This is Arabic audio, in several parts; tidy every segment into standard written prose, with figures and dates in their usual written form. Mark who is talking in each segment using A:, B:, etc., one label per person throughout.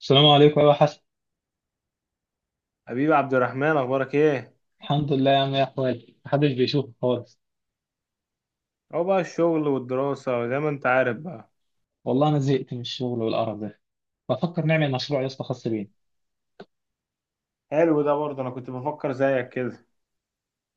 A: السلام عليكم. ايوه حسن.
B: حبيبي عبد الرحمن، اخبارك ايه؟
A: الحمد لله يا عم. يا احوالك محدش بيشوفك خالص.
B: اهو بقى الشغل والدراسة زي ما انت عارف بقى.
A: والله انا زهقت من الشغل والقرف ده. بفكر نعمل مشروع يا اسطى خاص بينا.
B: حلو ده برضه، انا كنت بفكر زيك كده.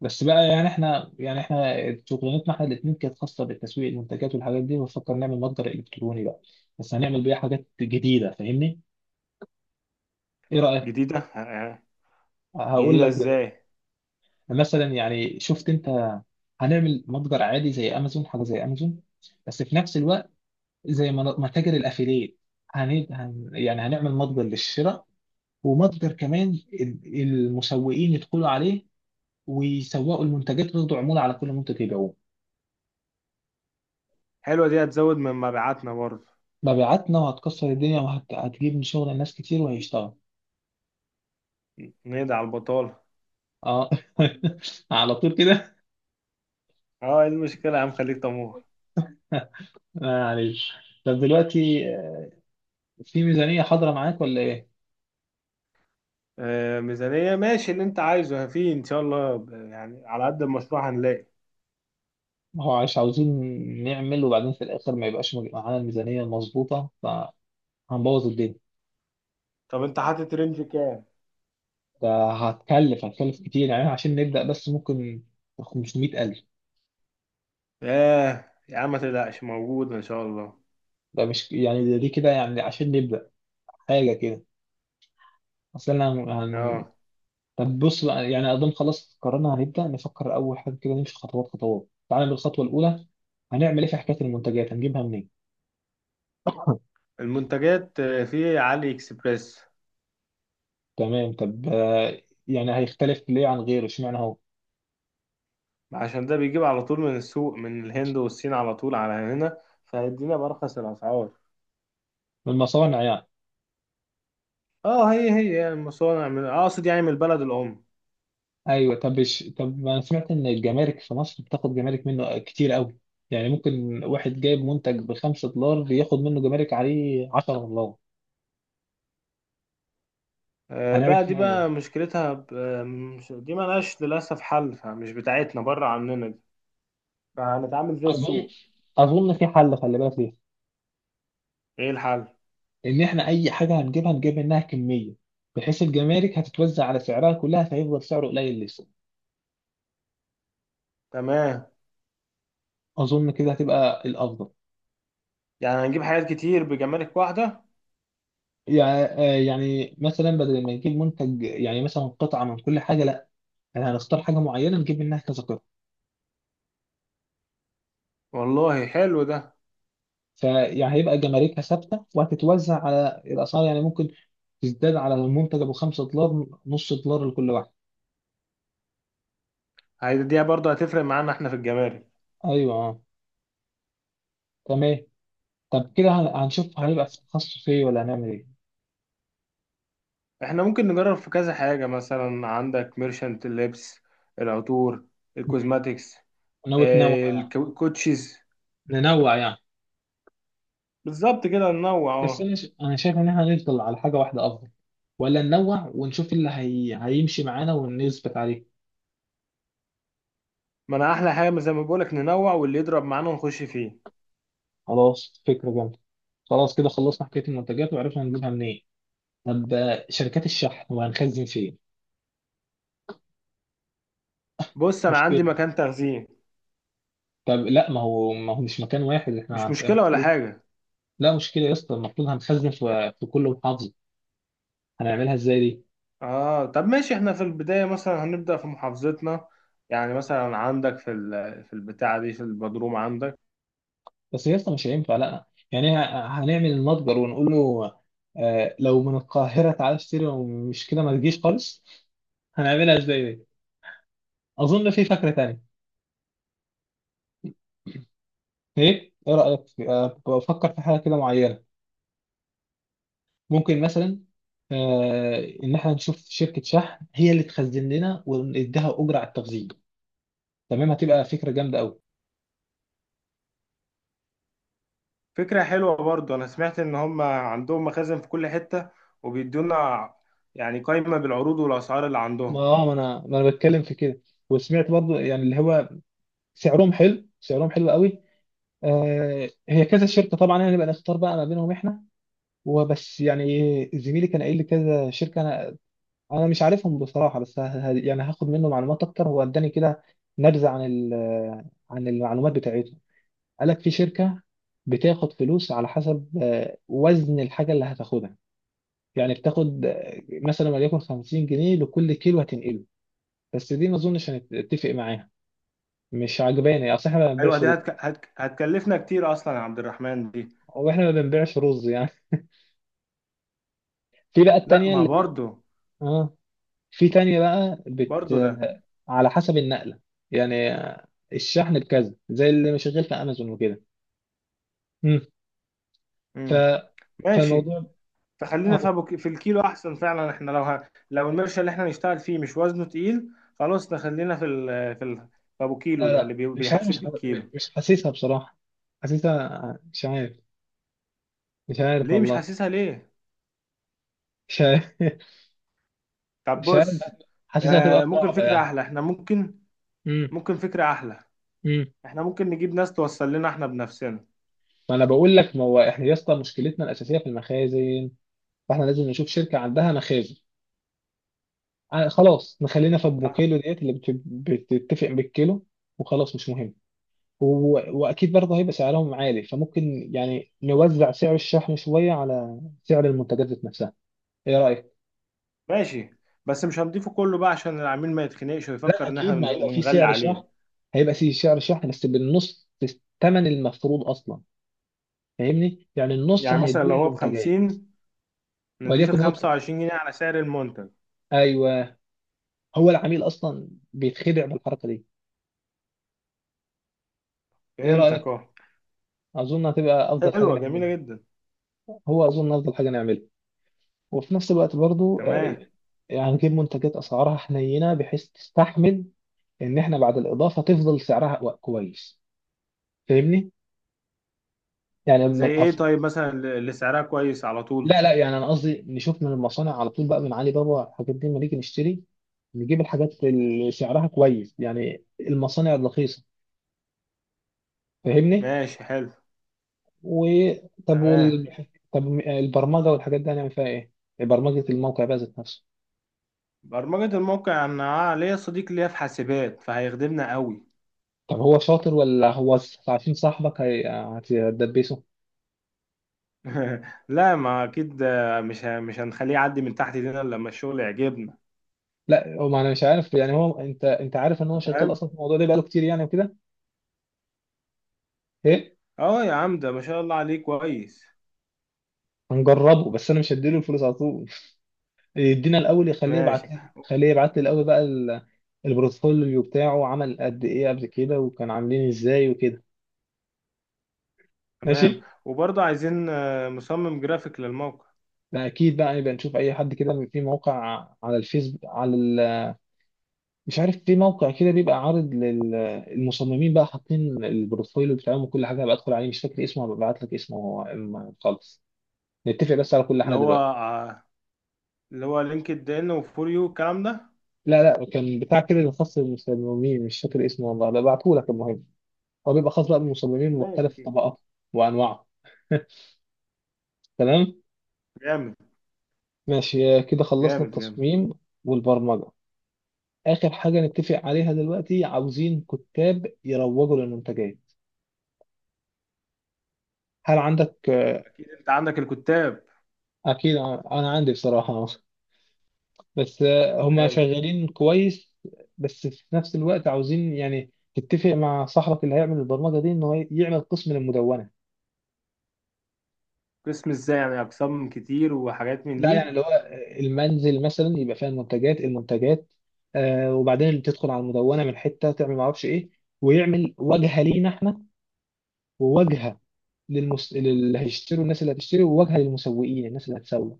A: بس بقى يعني احنا شغلانتنا احنا الاثنين كانت خاصه بالتسويق المنتجات والحاجات دي. بفكر نعمل متجر الكتروني بقى، بس هنعمل بيه حاجات جديده، فاهمني؟ ايه رايك؟
B: جديدة، آه.
A: هقول
B: جديدة
A: لك.
B: ازاي؟
A: مثلا يعني شفت انت، هنعمل متجر عادي زي امازون، حاجه زي امازون، بس في نفس الوقت زي متاجر الافيليت. يعني هنعمل متجر للشراء ومصدر كمان المسوقين يدخلوا عليه ويسوقوا المنتجات وياخدوا عمولة على كل منتج يبيعوه.
B: حلوة دي، هتزود من مبيعاتنا برضه.
A: مبيعاتنا وهتكسر الدنيا، وهتجيب من شغل الناس كتير، وهيشتغل.
B: نقضي على البطالة.
A: اه على طول كده.
B: اه، ايه المشكلة يا عم، خليك طموح.
A: معلش. طب دلوقتي، في ميزانية حاضرة معاك ولا ايه؟
B: آه، ميزانية ماشي اللي انت عايزه في ان شاء الله، يعني على قد المشروع هنلاقي.
A: ما هو عايش عاوزين نعمل، وبعدين في الآخر ما يبقاش معانا الميزانية المظبوطة فهنبوظ الدنيا.
B: طب انت حاطط رينج كام؟
A: ده هتكلف كتير يعني، عشان نبدأ بس ممكن 500,000.
B: اه يا عم، ما تقلقش، موجود ان شاء الله.
A: ده مش يعني، دي كده يعني عشان نبدأ حاجة كده. اصل انا هن...
B: اه.
A: طب بص بقى، يعني اظن خلاص قررنا هنبدا نفكر. اول حاجه كده نمشي خطوات خطوات. تعالى بالخطوه الاولى، هنعمل ايه في حكايه المنتجات؟ هنجيبها منين؟
B: المنتجات في علي اكسبريس.
A: تمام. طب يعني هيختلف ليه عن غيره؟ اشمعنى هو؟
B: عشان ده بيجيب على طول من السوق، من الهند والصين على طول على هنا، فهيدينا بأرخص الأسعار.
A: من المصانع يعني.
B: اه، هي يعني مصانع، أقصد يعني من البلد الأم.
A: ايوه. طب طب انا سمعت ان الجمارك في مصر بتاخد جمارك منه كتير قوي. يعني ممكن واحد جايب منتج بخمسة دولار بياخد منه جمارك عليه 10 دولار.
B: آه
A: هنعمل
B: بقى، دي
A: فيها
B: بقى
A: ايه؟
B: مشكلتها ب... آه، مش... دي ملهاش للأسف حل، فمش بتاعتنا، بره عننا دي. فهنتعامل زي
A: اظن
B: السوق.
A: اظن في حل، خلي بالك.
B: ايه الحل؟
A: ان احنا اي حاجه هنجيبها نجيب منها كميه، بحيث الجمارك هتتوزع على سعرها كلها، فهيفضل سعره قليل لسه.
B: تمام.
A: اظن كده هتبقى الافضل.
B: يعني هنجيب حاجات كتير بجمارك واحدة.
A: يعني، يعني مثلا بدل ما نجيب منتج، يعني مثلا قطعه من كل حاجه، لا، احنا هنختار حاجه معينه نجيب منها كذا قطعه.
B: والله حلو ده.
A: فيعني هيبقى جماركها ثابته وهتتوزع على الاسعار. يعني ممكن تزداد على المنتج ابو 5 دولار نص دولار لكل واحد.
B: هيديها برضه، هتفرق معانا احنا في الجمارك.
A: ايوه. تمام. طب كده هنشوف هيبقى في تخصص ايه ولا هنعمل ايه.
B: احنا ممكن نجرب في كذا حاجة، مثلا عندك ميرشنت اللبس، العطور، الكوزماتيكس،
A: ناوي تنوع؟
B: الكوتشيز.
A: ننوع يعني؟
B: بالظبط كده ننوع،
A: بس
B: اه.
A: انا انا شايف ان احنا نفضل على حاجه واحده افضل، ولا ننوع ونشوف هيمشي معانا ونثبت عليه.
B: ما انا احلى حاجة زي ما بقولك، ننوع واللي يضرب معانا نخش فيه.
A: خلاص، فكره جامده. خلاص كده خلصنا حكايه المنتجات وعرفنا نجيبها منين. طب شركات الشحن، وهنخزن فين؟
B: بص انا عندي
A: مشكله.
B: مكان تخزين.
A: طب لا، ما هو مش مكان واحد، احنا
B: مش مشكلة ولا
A: المفروض.
B: حاجة.
A: لا مشكله يا اسطى، المفروض هنخزن في كل محافظه. هنعملها ازاي دي؟
B: اه طب ماشي، احنا في البداية مثلا هنبدأ في محافظتنا. يعني مثلا عندك في البتاعة دي، في البدروم عندك.
A: بس يا اسطى مش هينفع، لا يعني هنعمل المتجر ونقول له لو من القاهرة تعالى اشتري، ومش كده ما تجيش خالص. هنعملها ازاي دي؟ اظن في فكرة تانية. ايه، ايه رأيك بفكر في حاجة كده معينة. ممكن مثلا ان احنا نشوف شركة شحن هي اللي تخزن لنا ونديها اجرة على التخزين. تمام، هتبقى فكرة جامدة قوي.
B: فكرة حلوة برضو، أنا سمعت إن هم عندهم مخازن في كل حتة، وبيدونا يعني قائمة بالعروض والأسعار اللي
A: ما
B: عندهم.
A: اه ما انا ما انا بتكلم في كده. وسمعت برضو يعني اللي هو سعرهم حلو، سعرهم حلو قوي. هي كذا شركه طبعا، هنبقى نختار بقى ما بينهم احنا. وبس يعني زميلي كان قايل لي كذا شركه. انا انا مش عارفهم بصراحه، بس يعني هاخد منه معلومات اكتر. هو اداني كده نبذه عن عن المعلومات بتاعتهم. قال لك في شركه بتاخد فلوس على حسب وزن الحاجه اللي هتاخدها. يعني بتاخد مثلا وليكن 50 جنيه لكل كيلو هتنقله. بس دي ما اظنش هنتفق معاها، مش عجباني، اصل احنا ما
B: أيوة
A: بنبيعش
B: دي
A: رز.
B: هتكلفنا كتير أصلا يا عبد الرحمن دي.
A: واحنا ما بنبيعش رز يعني. في بقى
B: لا،
A: التانيه
B: ما
A: اللي
B: برضو.
A: في تانية بقى بت
B: برضو لا.
A: على حسب النقلة يعني. الشحن بكذا زي اللي مشغل في أمازون وكده. مم. ف...
B: مم. ماشي.
A: فالموضوع
B: فخلينا في
A: اه.
B: في الكيلو أحسن فعلا. إحنا لو المرشة اللي إحنا نشتغل فيه مش وزنه تقيل، خلاص نخلينا في أبو
A: لا
B: كيلو ده اللي
A: لا،
B: بيحاسب بالكيلو.
A: مش حاسسها بصراحة. حاسسها مش عارف. مش عارف
B: ليه مش
A: والله.
B: حاسسها ليه؟
A: مش عارف.
B: طب
A: مش عارف.
B: بص.
A: حاسسها
B: آه،
A: هتبقى
B: ممكن
A: صعبة
B: فكرة
A: يعني.
B: أحلى، إحنا ممكن.
A: امم
B: ممكن فكرة أحلى.
A: امم
B: احنا ممكن نجيب ناس توصل لنا احنا بنفسنا.
A: ما انا بقول لك، ما هو احنا يا اسطى مشكلتنا الأساسية في المخازن، فاحنا لازم نشوف شركة عندها مخازن. خلاص نخلينا في ابو
B: طيب.
A: كيلو ديت اللي بتتفق بالكيلو. وخلاص مش مهم. واكيد برضه هيبقى سعرهم عالي، فممكن يعني نوزع سعر الشحن شويه على سعر المنتجات ذات نفسها. ايه رايك؟
B: ماشي. بس مش هنضيفه كله بقى عشان العميل ما يتخنقش
A: لا
B: ويفكر ان احنا
A: اكيد ما هيبقى في
B: بنغلي
A: سعر
B: عليه.
A: شحن، هيبقى في سعر شحن بس بالنص، الثمن المفروض اصلا. فاهمني؟ يعني النص
B: يعني مثلا لو
A: هنديه
B: هو
A: للمنتجات.
B: بـ50، نضيف
A: وليكن هو،
B: 25 جنيه على سعر المنتج.
A: ايوه، هو العميل اصلا بيتخدع بالحركه دي. ايه
B: فهمتك،
A: رايك؟
B: اه.
A: اظن هتبقى افضل حاجه
B: حلوة
A: نعملها.
B: جميلة جدا.
A: هو اظن افضل حاجه نعملها. وفي نفس الوقت برضه
B: تمام.
A: يعني نجيب منتجات اسعارها حنينه، بحيث تستحمل ان احنا بعد الاضافه تفضل سعرها كويس. فاهمني؟ يعني من
B: زي ايه؟ طيب مثلا اللي سعرها كويس على طول.
A: لا لا، يعني انا قصدي نشوف من المصانع على طول بقى، من علي بابا الحاجات دي لما نيجي نشتري نجيب الحاجات اللي سعرها كويس، يعني المصانع الرخيصه. فاهمني؟
B: ماشي، حلو.
A: و، طب
B: تمام.
A: طب البرمجه والحاجات دي هنعمل فيها ايه؟ برمجه الموقع بقى ذات نفسه.
B: برمجة الموقع، انا ليا صديق ليا في حاسبات، فهيخدمنا قوي.
A: طب هو شاطر ولا هو عشان صاحبك هتدبسه.
B: لا ما اكيد، مش هنخليه يعدي من تحت ايدينا إلا لما الشغل يعجبنا.
A: لا هو، ما انا مش عارف يعني هو. انت انت عارف ان هو شغال
B: فاهم؟
A: اصلا في الموضوع ده بقاله كتير يعني وكده. ايه.
B: اه يا عم، ده ما شاء الله عليه، كويس.
A: هنجربه، بس انا مش هديله الفلوس على طول. يدينا الاول، يخليه
B: ماشي،
A: يبعت لي، خليه يبعت لي الاول بقى البورتفوليو بتاعه، عمل قد ايه قبل كده، وكان عاملين ازاي وكده.
B: تمام.
A: ماشي.
B: وبرضه عايزين مصمم جرافيك للموقع.
A: ده اكيد بقى، يبقى نشوف اي حد كده في موقع، على الفيس على مش عارف، في موقع كده بيبقى عارض للمصممين بقى، حاطين البورتفوليو بتاعهم وكل حاجه. هبقى ادخل عليه، مش فاكر اسمه، هبقى ابعت لك اسمه هو أما خالص نتفق بس على كل
B: اللي
A: حاجه
B: هو
A: دلوقتي.
B: آه، اللي هو لينكد ان وفور يو الكلام ده.
A: لا لا، كان بتاع كده خاص بالمصممين، مش فاكر اسمه والله، ببعته لك. المهم هو بيبقى خاص بقى بالمصممين، مختلف
B: ماشي.
A: طبقاته وأنواعه. تمام.
B: جامد
A: ماشي كده خلصنا
B: جامد. جامد.
A: التصميم والبرمجة. آخر حاجة نتفق عليها دلوقتي، عاوزين كتاب يروجوا للمنتجات. هل عندك
B: اكيد انت عندك الكتاب.
A: أكيد أنا عندي بصراحة، بس هما
B: حلو.
A: شغالين كويس. بس في نفس الوقت عاوزين يعني تتفق مع صاحبك اللي هيعمل البرمجة دي إنه يعمل قسم للمدونة.
B: قسم ازاي يعني، اقسام كتير وحاجات من
A: لا يعني
B: دي؟
A: اللي هو المنزل مثلا يبقى فيها المنتجات، آه، وبعدين اللي تدخل على المدونه من حته تعمل معرفش ايه. ويعمل واجهه لينا احنا، وواجهه اللي هيشتروا، الناس اللي هتشتري، وواجهه للمسوقين، الناس اللي هتسوق.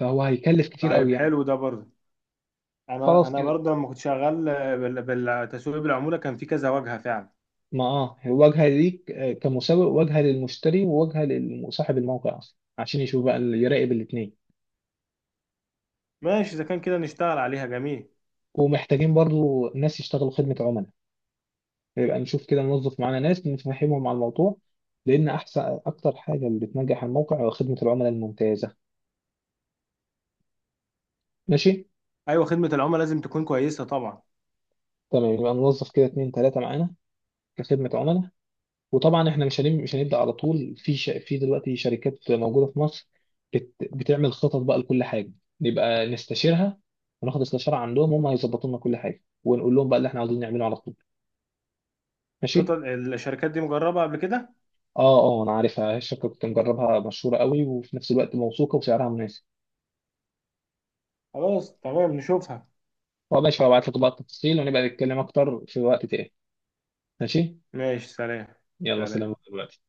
A: فهو هيكلف كتير
B: طيب
A: قوي يعني.
B: حلو ده برضه. انا
A: خلاص
B: انا
A: كده.
B: برضه لما كنت شغال، بالتسويق بالعموله، كان في كذا واجهه فعلا.
A: ما اه واجهه ليك كمسوق، واجهه للمشتري، وواجهه لصاحب الموقع اصلا عشان يشوف بقى، يراقب الاثنين.
B: ماشي، اذا كان كده نشتغل عليها، جميل.
A: ومحتاجين برضو ناس يشتغلوا خدمه عملاء. يبقى نشوف كده نوظف معانا ناس نفهمهم على الموضوع، لان احسن اكتر حاجه اللي بتنجح الموقع هو خدمه العملاء الممتازه. ماشي.
B: ايوه، خدمه العملاء لازم تكون كويسه طبعا.
A: تمام يبقى نوظف كده اتنين تلاته معانا كخدمه عملاء. وطبعا احنا مش هنبدا على طول في في دلوقتي شركات موجوده في مصر بتعمل خطط بقى لكل حاجه، نبقى نستشيرها وناخد استشاره عندهم، هم هيظبطوا لنا كل حاجه ونقول لهم بقى اللي احنا عاوزين نعمله على طول.
B: قطط
A: ماشي.
B: الشركات دي مجربة قبل كده؟
A: اه انا عارفها الشركه، كنت مجربها، مشهوره قوي وفي نفس الوقت موثوقه وسعرها مناسب.
B: خلاص تمام، نشوفها.
A: هو ماشي، هبعت لك بقى التفاصيل ونبقى نتكلم اكتر في وقت تاني. ماشي.
B: ماشي، سلام.
A: يلا سلام
B: سلام.
A: دلوقتي.